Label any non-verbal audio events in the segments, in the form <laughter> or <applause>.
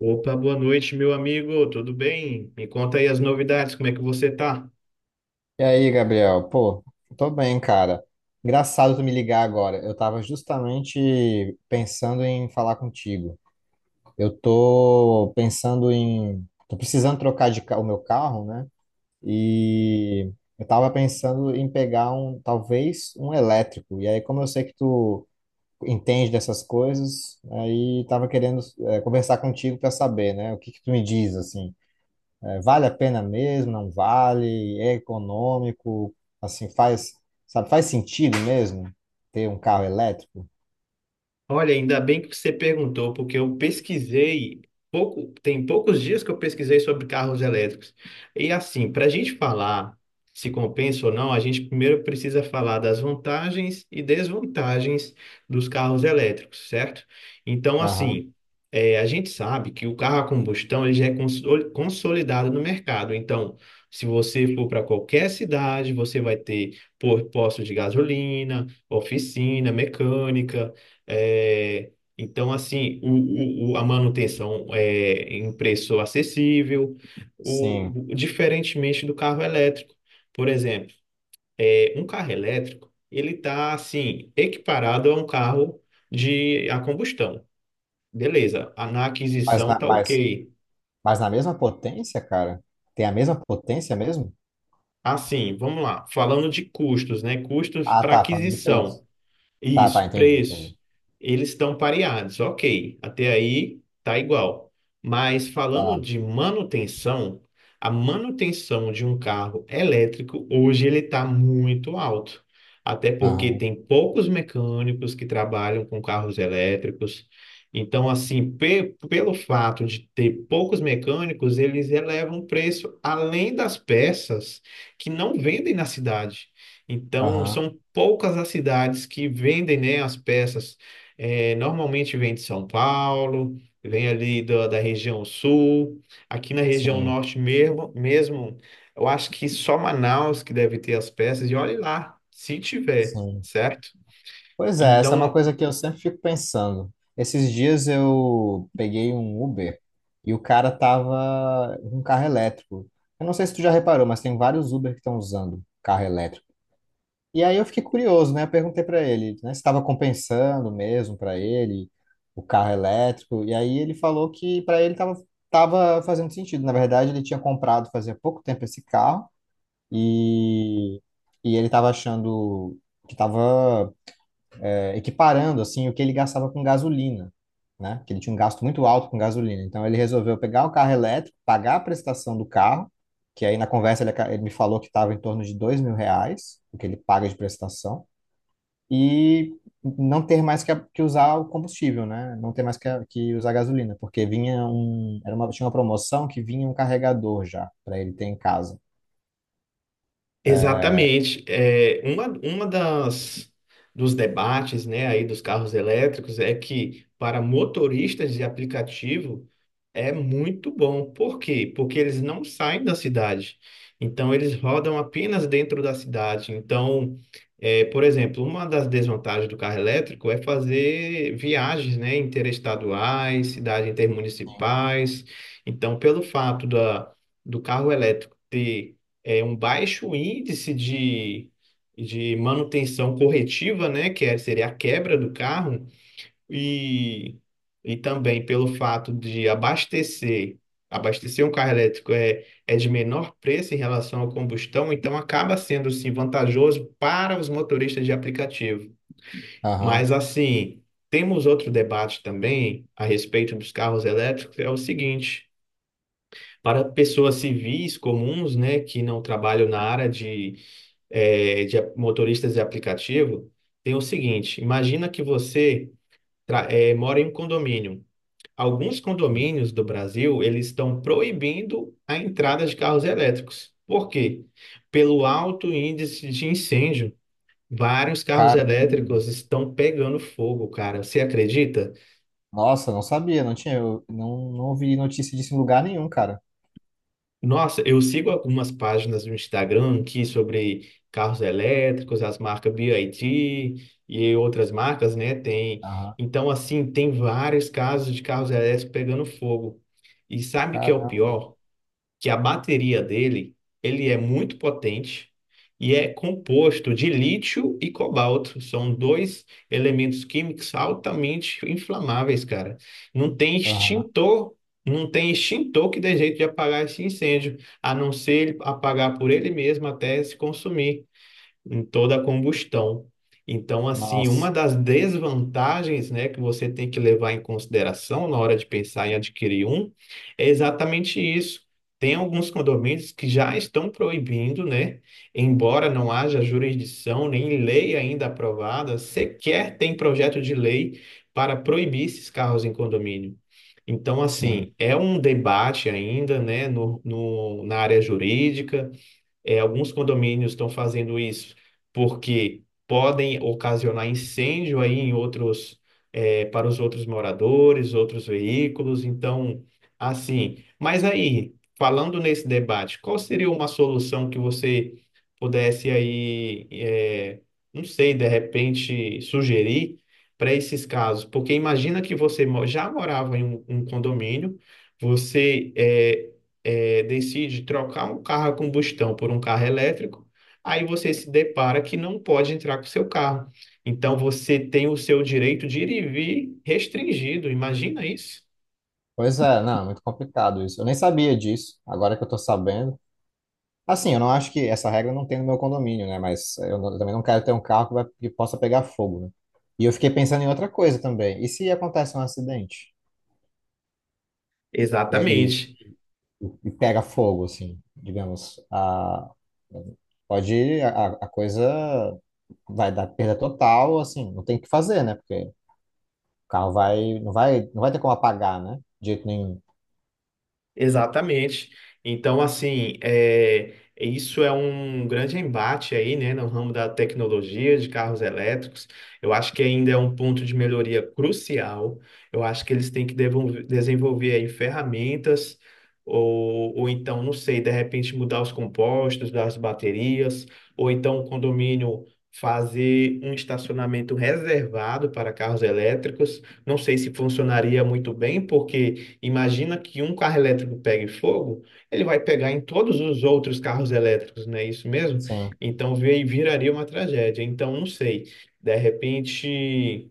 Opa, boa noite, meu amigo. Tudo bem? Me conta aí as novidades, como é que você tá? E aí, Gabriel? Pô, tô bem, cara. Engraçado tu me ligar agora. Eu tava justamente pensando em falar contigo. Eu tô pensando em. Tô precisando trocar o meu carro, né? E eu tava pensando em pegar um, talvez, um elétrico. E aí, como eu sei que tu entende dessas coisas, aí tava querendo, conversar contigo pra saber, né? O que que tu me diz, assim? É, vale a pena mesmo? Não vale? É econômico? Assim, faz sentido mesmo ter um carro elétrico? Olha, ainda bem que você perguntou, porque eu pesquisei pouco, tem poucos dias que eu pesquisei sobre carros elétricos. E assim, para a gente falar se compensa ou não, a gente primeiro precisa falar das vantagens e desvantagens dos carros elétricos, certo? Então, Aham, assim, a gente sabe que o carro a combustão ele já é consolidado no mercado. Então, se você for para qualquer cidade, você vai ter posto de gasolina, oficina, mecânica. É, então, assim, a manutenção é em preço acessível, sim. Diferentemente do carro elétrico. Por exemplo, um carro elétrico, ele está, assim, equiparado a um carro de a combustão. Beleza, na Mas aquisição na, tá mas, ok. mas na mesma potência, cara? Tem a mesma potência mesmo? Assim, vamos lá, falando de custos, né? Custos Ah, para tá, falando de aquisição. preço. Tá, tá, Isso, entendi. preço. Eles estão pareados, ok. Até aí tá igual. Mas falando Tá, de manutenção, a manutenção de um carro elétrico hoje ele está muito alto. Até porque aham, tem poucos mecânicos que trabalham com carros elétricos. Então, assim, pelo fato de ter poucos mecânicos, eles elevam o preço além das peças que não vendem na cidade. Então, aham, são poucas as cidades que vendem, né, as peças. É, normalmente vem de São Paulo, vem ali da região sul. Aqui na região sim, norte mesmo, mesmo, eu acho que só Manaus que deve ter as peças. E olhe lá, se tiver, sim. certo? Pois é, essa é uma Então, coisa que eu sempre fico pensando. Esses dias eu peguei um Uber e o cara tava com um carro elétrico. Eu não sei se tu já reparou, mas tem vários Uber que estão usando carro elétrico. E aí eu fiquei curioso, né? Eu perguntei para ele, né, se estava compensando mesmo para ele o carro elétrico. E aí ele falou que para ele tava fazendo sentido. Na verdade, ele tinha comprado fazia pouco tempo esse carro e, e ele tava achando que tava equiparando assim o que ele gastava com gasolina, né? Que ele tinha um gasto muito alto com gasolina. Então ele resolveu pegar o carro elétrico, pagar a prestação do carro, que aí na conversa ele me falou que estava em torno de R$ 2.000, o que ele paga de prestação, e não ter mais que, que usar o combustível, né? Não ter mais que, que usar gasolina, porque vinha um, era uma, tinha uma promoção que vinha um carregador já para ele ter em casa. exatamente. É, uma das dos debates, né, aí dos carros elétricos é que para motoristas de aplicativo é muito bom. Por quê? Porque eles não saem da cidade. Então, eles rodam apenas dentro da cidade. Então, por exemplo, uma das desvantagens do carro elétrico é fazer viagens, né, interestaduais, cidades intermunicipais. Então, do carro elétrico ter, um baixo índice de manutenção corretiva, né, seria a quebra do carro, e, e também pelo fato abastecer um carro elétrico é, é de menor preço em relação ao combustão, então acaba sendo sim vantajoso para os motoristas de aplicativo. Aham. Mas assim, temos outro debate também a respeito dos carros elétricos, é o seguinte. Para pessoas civis comuns, né, que não trabalham na área de, motoristas de aplicativo, tem o seguinte: imagina que você mora em um condomínio. Alguns condomínios do Brasil, eles estão proibindo a entrada de carros elétricos. Por quê? Pelo alto índice de incêndio, vários carros Cara, elétricos estão pegando fogo, cara. Você acredita? nossa, não sabia, não tinha, eu não, não ouvi notícia disso em lugar nenhum, cara. Nossa, eu sigo algumas páginas no Instagram aqui sobre carros elétricos, as marcas BYD e outras marcas, né? Tem. Aham. Então, assim, tem vários casos de carros elétricos pegando fogo. E sabe o que é o Caramba. pior? Que a bateria dele, ele é muito potente e é composto de lítio e cobalto. São dois elementos químicos altamente inflamáveis, cara. Não tem Aham. extintor, não tem extintor que dê jeito de apagar esse incêndio, a não ser ele apagar por ele mesmo até se consumir em toda a combustão. Então, assim, uma Nossa. das desvantagens, né, que você tem que levar em consideração na hora de pensar em adquirir um, é exatamente isso. Tem alguns condomínios que já estão proibindo, né, embora não haja jurisdição nem lei ainda aprovada, sequer tem projeto de lei para proibir esses carros em condomínio. Então, assim, Sim. é um debate ainda, né, no, no, na área jurídica. É, alguns condomínios estão fazendo isso porque podem ocasionar incêndio aí em outros, é, para os outros moradores, outros veículos. Então, assim. Mas aí, falando nesse debate, qual seria uma solução que você pudesse aí, não sei, de repente sugerir para esses casos? Porque imagina que você já morava em um condomínio, você decide trocar um carro a combustão por um carro elétrico, aí você se depara que não pode entrar com o seu carro. Então você tem o seu direito de ir e vir restringido. Imagina isso? Pois é, não, é muito complicado isso. Eu nem sabia disso, agora que eu tô sabendo. Assim, eu não acho que essa regra não tem no meu condomínio, né? Eu também não quero ter um carro que possa pegar fogo, né? E eu fiquei pensando em outra coisa também. E se acontece um acidente e, Exatamente. E pega fogo, assim, digamos, pode, a coisa vai dar perda total, assim, não tem o que fazer, né? Porque o carro não vai ter como apagar, né? De jeito nenhum. Exatamente. Então, assim, isso é um grande embate aí, né, no ramo da tecnologia de carros elétricos. Eu acho que ainda é um ponto de melhoria crucial. Eu acho que eles têm que desenvolver aí ferramentas, ou então, não sei, de repente mudar os compostos das baterias, ou então o condomínio fazer um estacionamento reservado para carros elétricos. Não sei se funcionaria muito bem, porque. Imagina que um carro elétrico pegue fogo, ele vai pegar em todos os outros carros elétricos, não é isso mesmo? Sim, Então viraria uma tragédia. Então, não sei, de repente,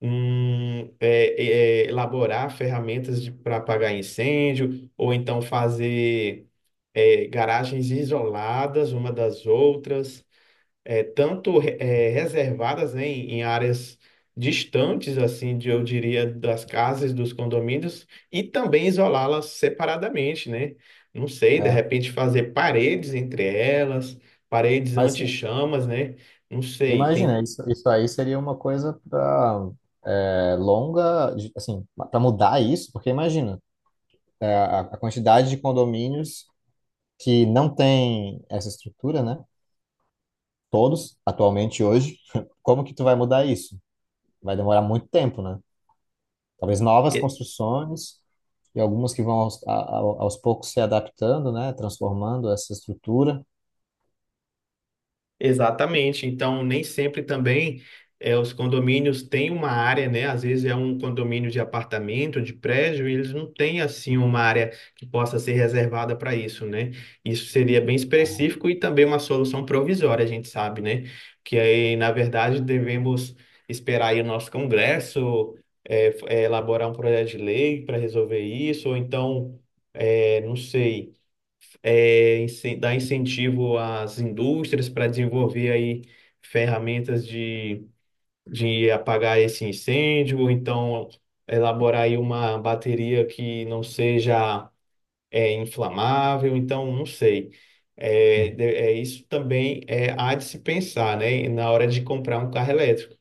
elaborar ferramentas para apagar incêndio, ou então fazer garagens isoladas uma das outras, tanto é, reservadas, né, em áreas distantes, assim, de, eu diria, das casas, dos condomínios, e também isolá-las separadamente, né? Não sei, de é. repente fazer paredes entre elas, paredes Mas sim, anti-chamas, né? Não sei, imagina, tem. Isso aí seria uma coisa para longa, assim, para mudar isso, porque imagina, é, a quantidade de condomínios que não tem essa estrutura, né? Todos, atualmente hoje, <laughs> como que tu vai mudar isso? Vai demorar muito tempo, né? Talvez novas é, construções e algumas que vão aos, a- aos poucos se adaptando, né? Transformando essa estrutura. Exatamente. Então, nem sempre também os condomínios têm uma área, né? Às vezes é um condomínio de apartamento, de prédio, e eles não têm assim uma área que possa ser reservada para isso, né? Isso seria bem específico e também uma solução provisória, a gente sabe, né? Que aí, na verdade, devemos esperar aí o nosso Congresso elaborar um projeto de lei para resolver isso, ou então, não sei, dar incentivo às indústrias para desenvolver aí ferramentas de apagar esse incêndio, ou então elaborar aí uma bateria que não seja inflamável, então não sei. Uhum. Isso também há de se pensar, né, na hora de comprar um carro elétrico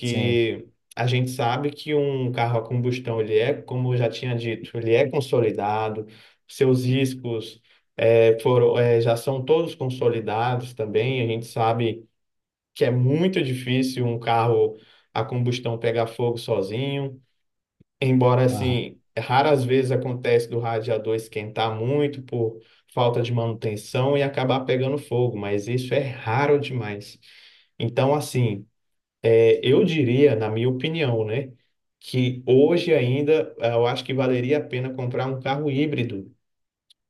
Sim. a gente sabe que um carro a combustão, ele é, como eu já tinha dito, ele é consolidado, seus riscos já são todos consolidados também, a gente sabe que é muito difícil um carro a combustão pegar fogo sozinho, embora Aham. assim, raras vezes acontece do radiador esquentar muito por falta de manutenção e acabar pegando fogo, mas isso é raro demais. Então, assim, eu diria, na minha opinião, né, que hoje ainda eu acho que valeria a pena comprar um carro híbrido,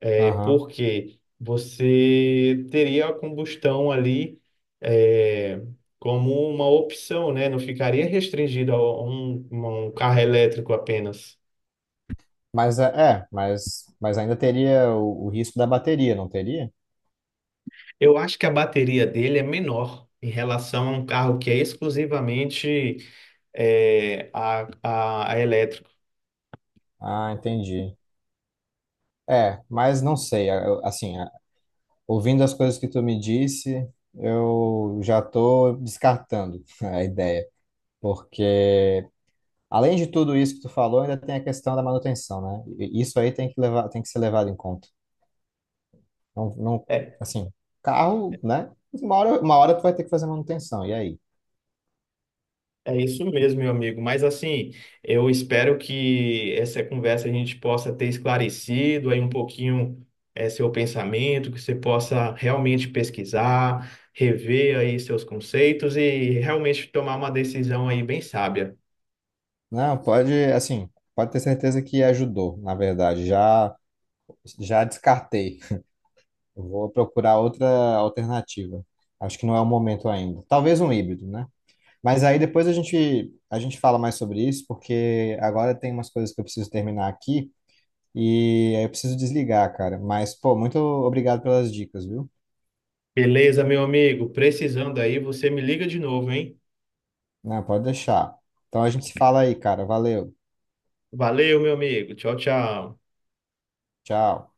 é Aham. porque você teria a combustão ali eh, como uma opção, né? Não ficaria restringido a um carro elétrico apenas. Mas é, mas ainda teria o risco da bateria, não teria? Eu acho que a bateria dele é menor em relação a um carro que é exclusivamente eh, a elétrico. Ah, entendi. É, mas não sei, assim, ouvindo as coisas que tu me disse, eu já tô descartando <laughs> a ideia, porque além de tudo isso que tu falou, ainda tem a questão da manutenção, né? E isso aí tem que levar, tem que ser levado em conta. Não, não, É, assim, carro, né? Uma hora tu vai ter que fazer manutenção, e aí? é isso mesmo, meu amigo. Mas assim, eu espero que essa conversa a gente possa ter esclarecido aí um pouquinho seu pensamento, que você possa realmente pesquisar, rever aí seus conceitos e realmente tomar uma decisão aí bem sábia. Não, pode, assim, pode ter certeza que ajudou, na verdade, já já descartei. Eu vou procurar outra alternativa. Acho que não é o momento ainda. Talvez um híbrido, né? Mas aí depois a gente fala mais sobre isso, porque agora tem umas coisas que eu preciso terminar aqui e aí eu preciso desligar, cara. Mas, pô, muito obrigado pelas dicas, viu? Beleza, meu amigo? Precisando aí, você me liga de novo, hein? Não, pode deixar. Então a gente se fala aí, cara. Valeu. Valeu, meu amigo. Tchau, tchau. Tchau.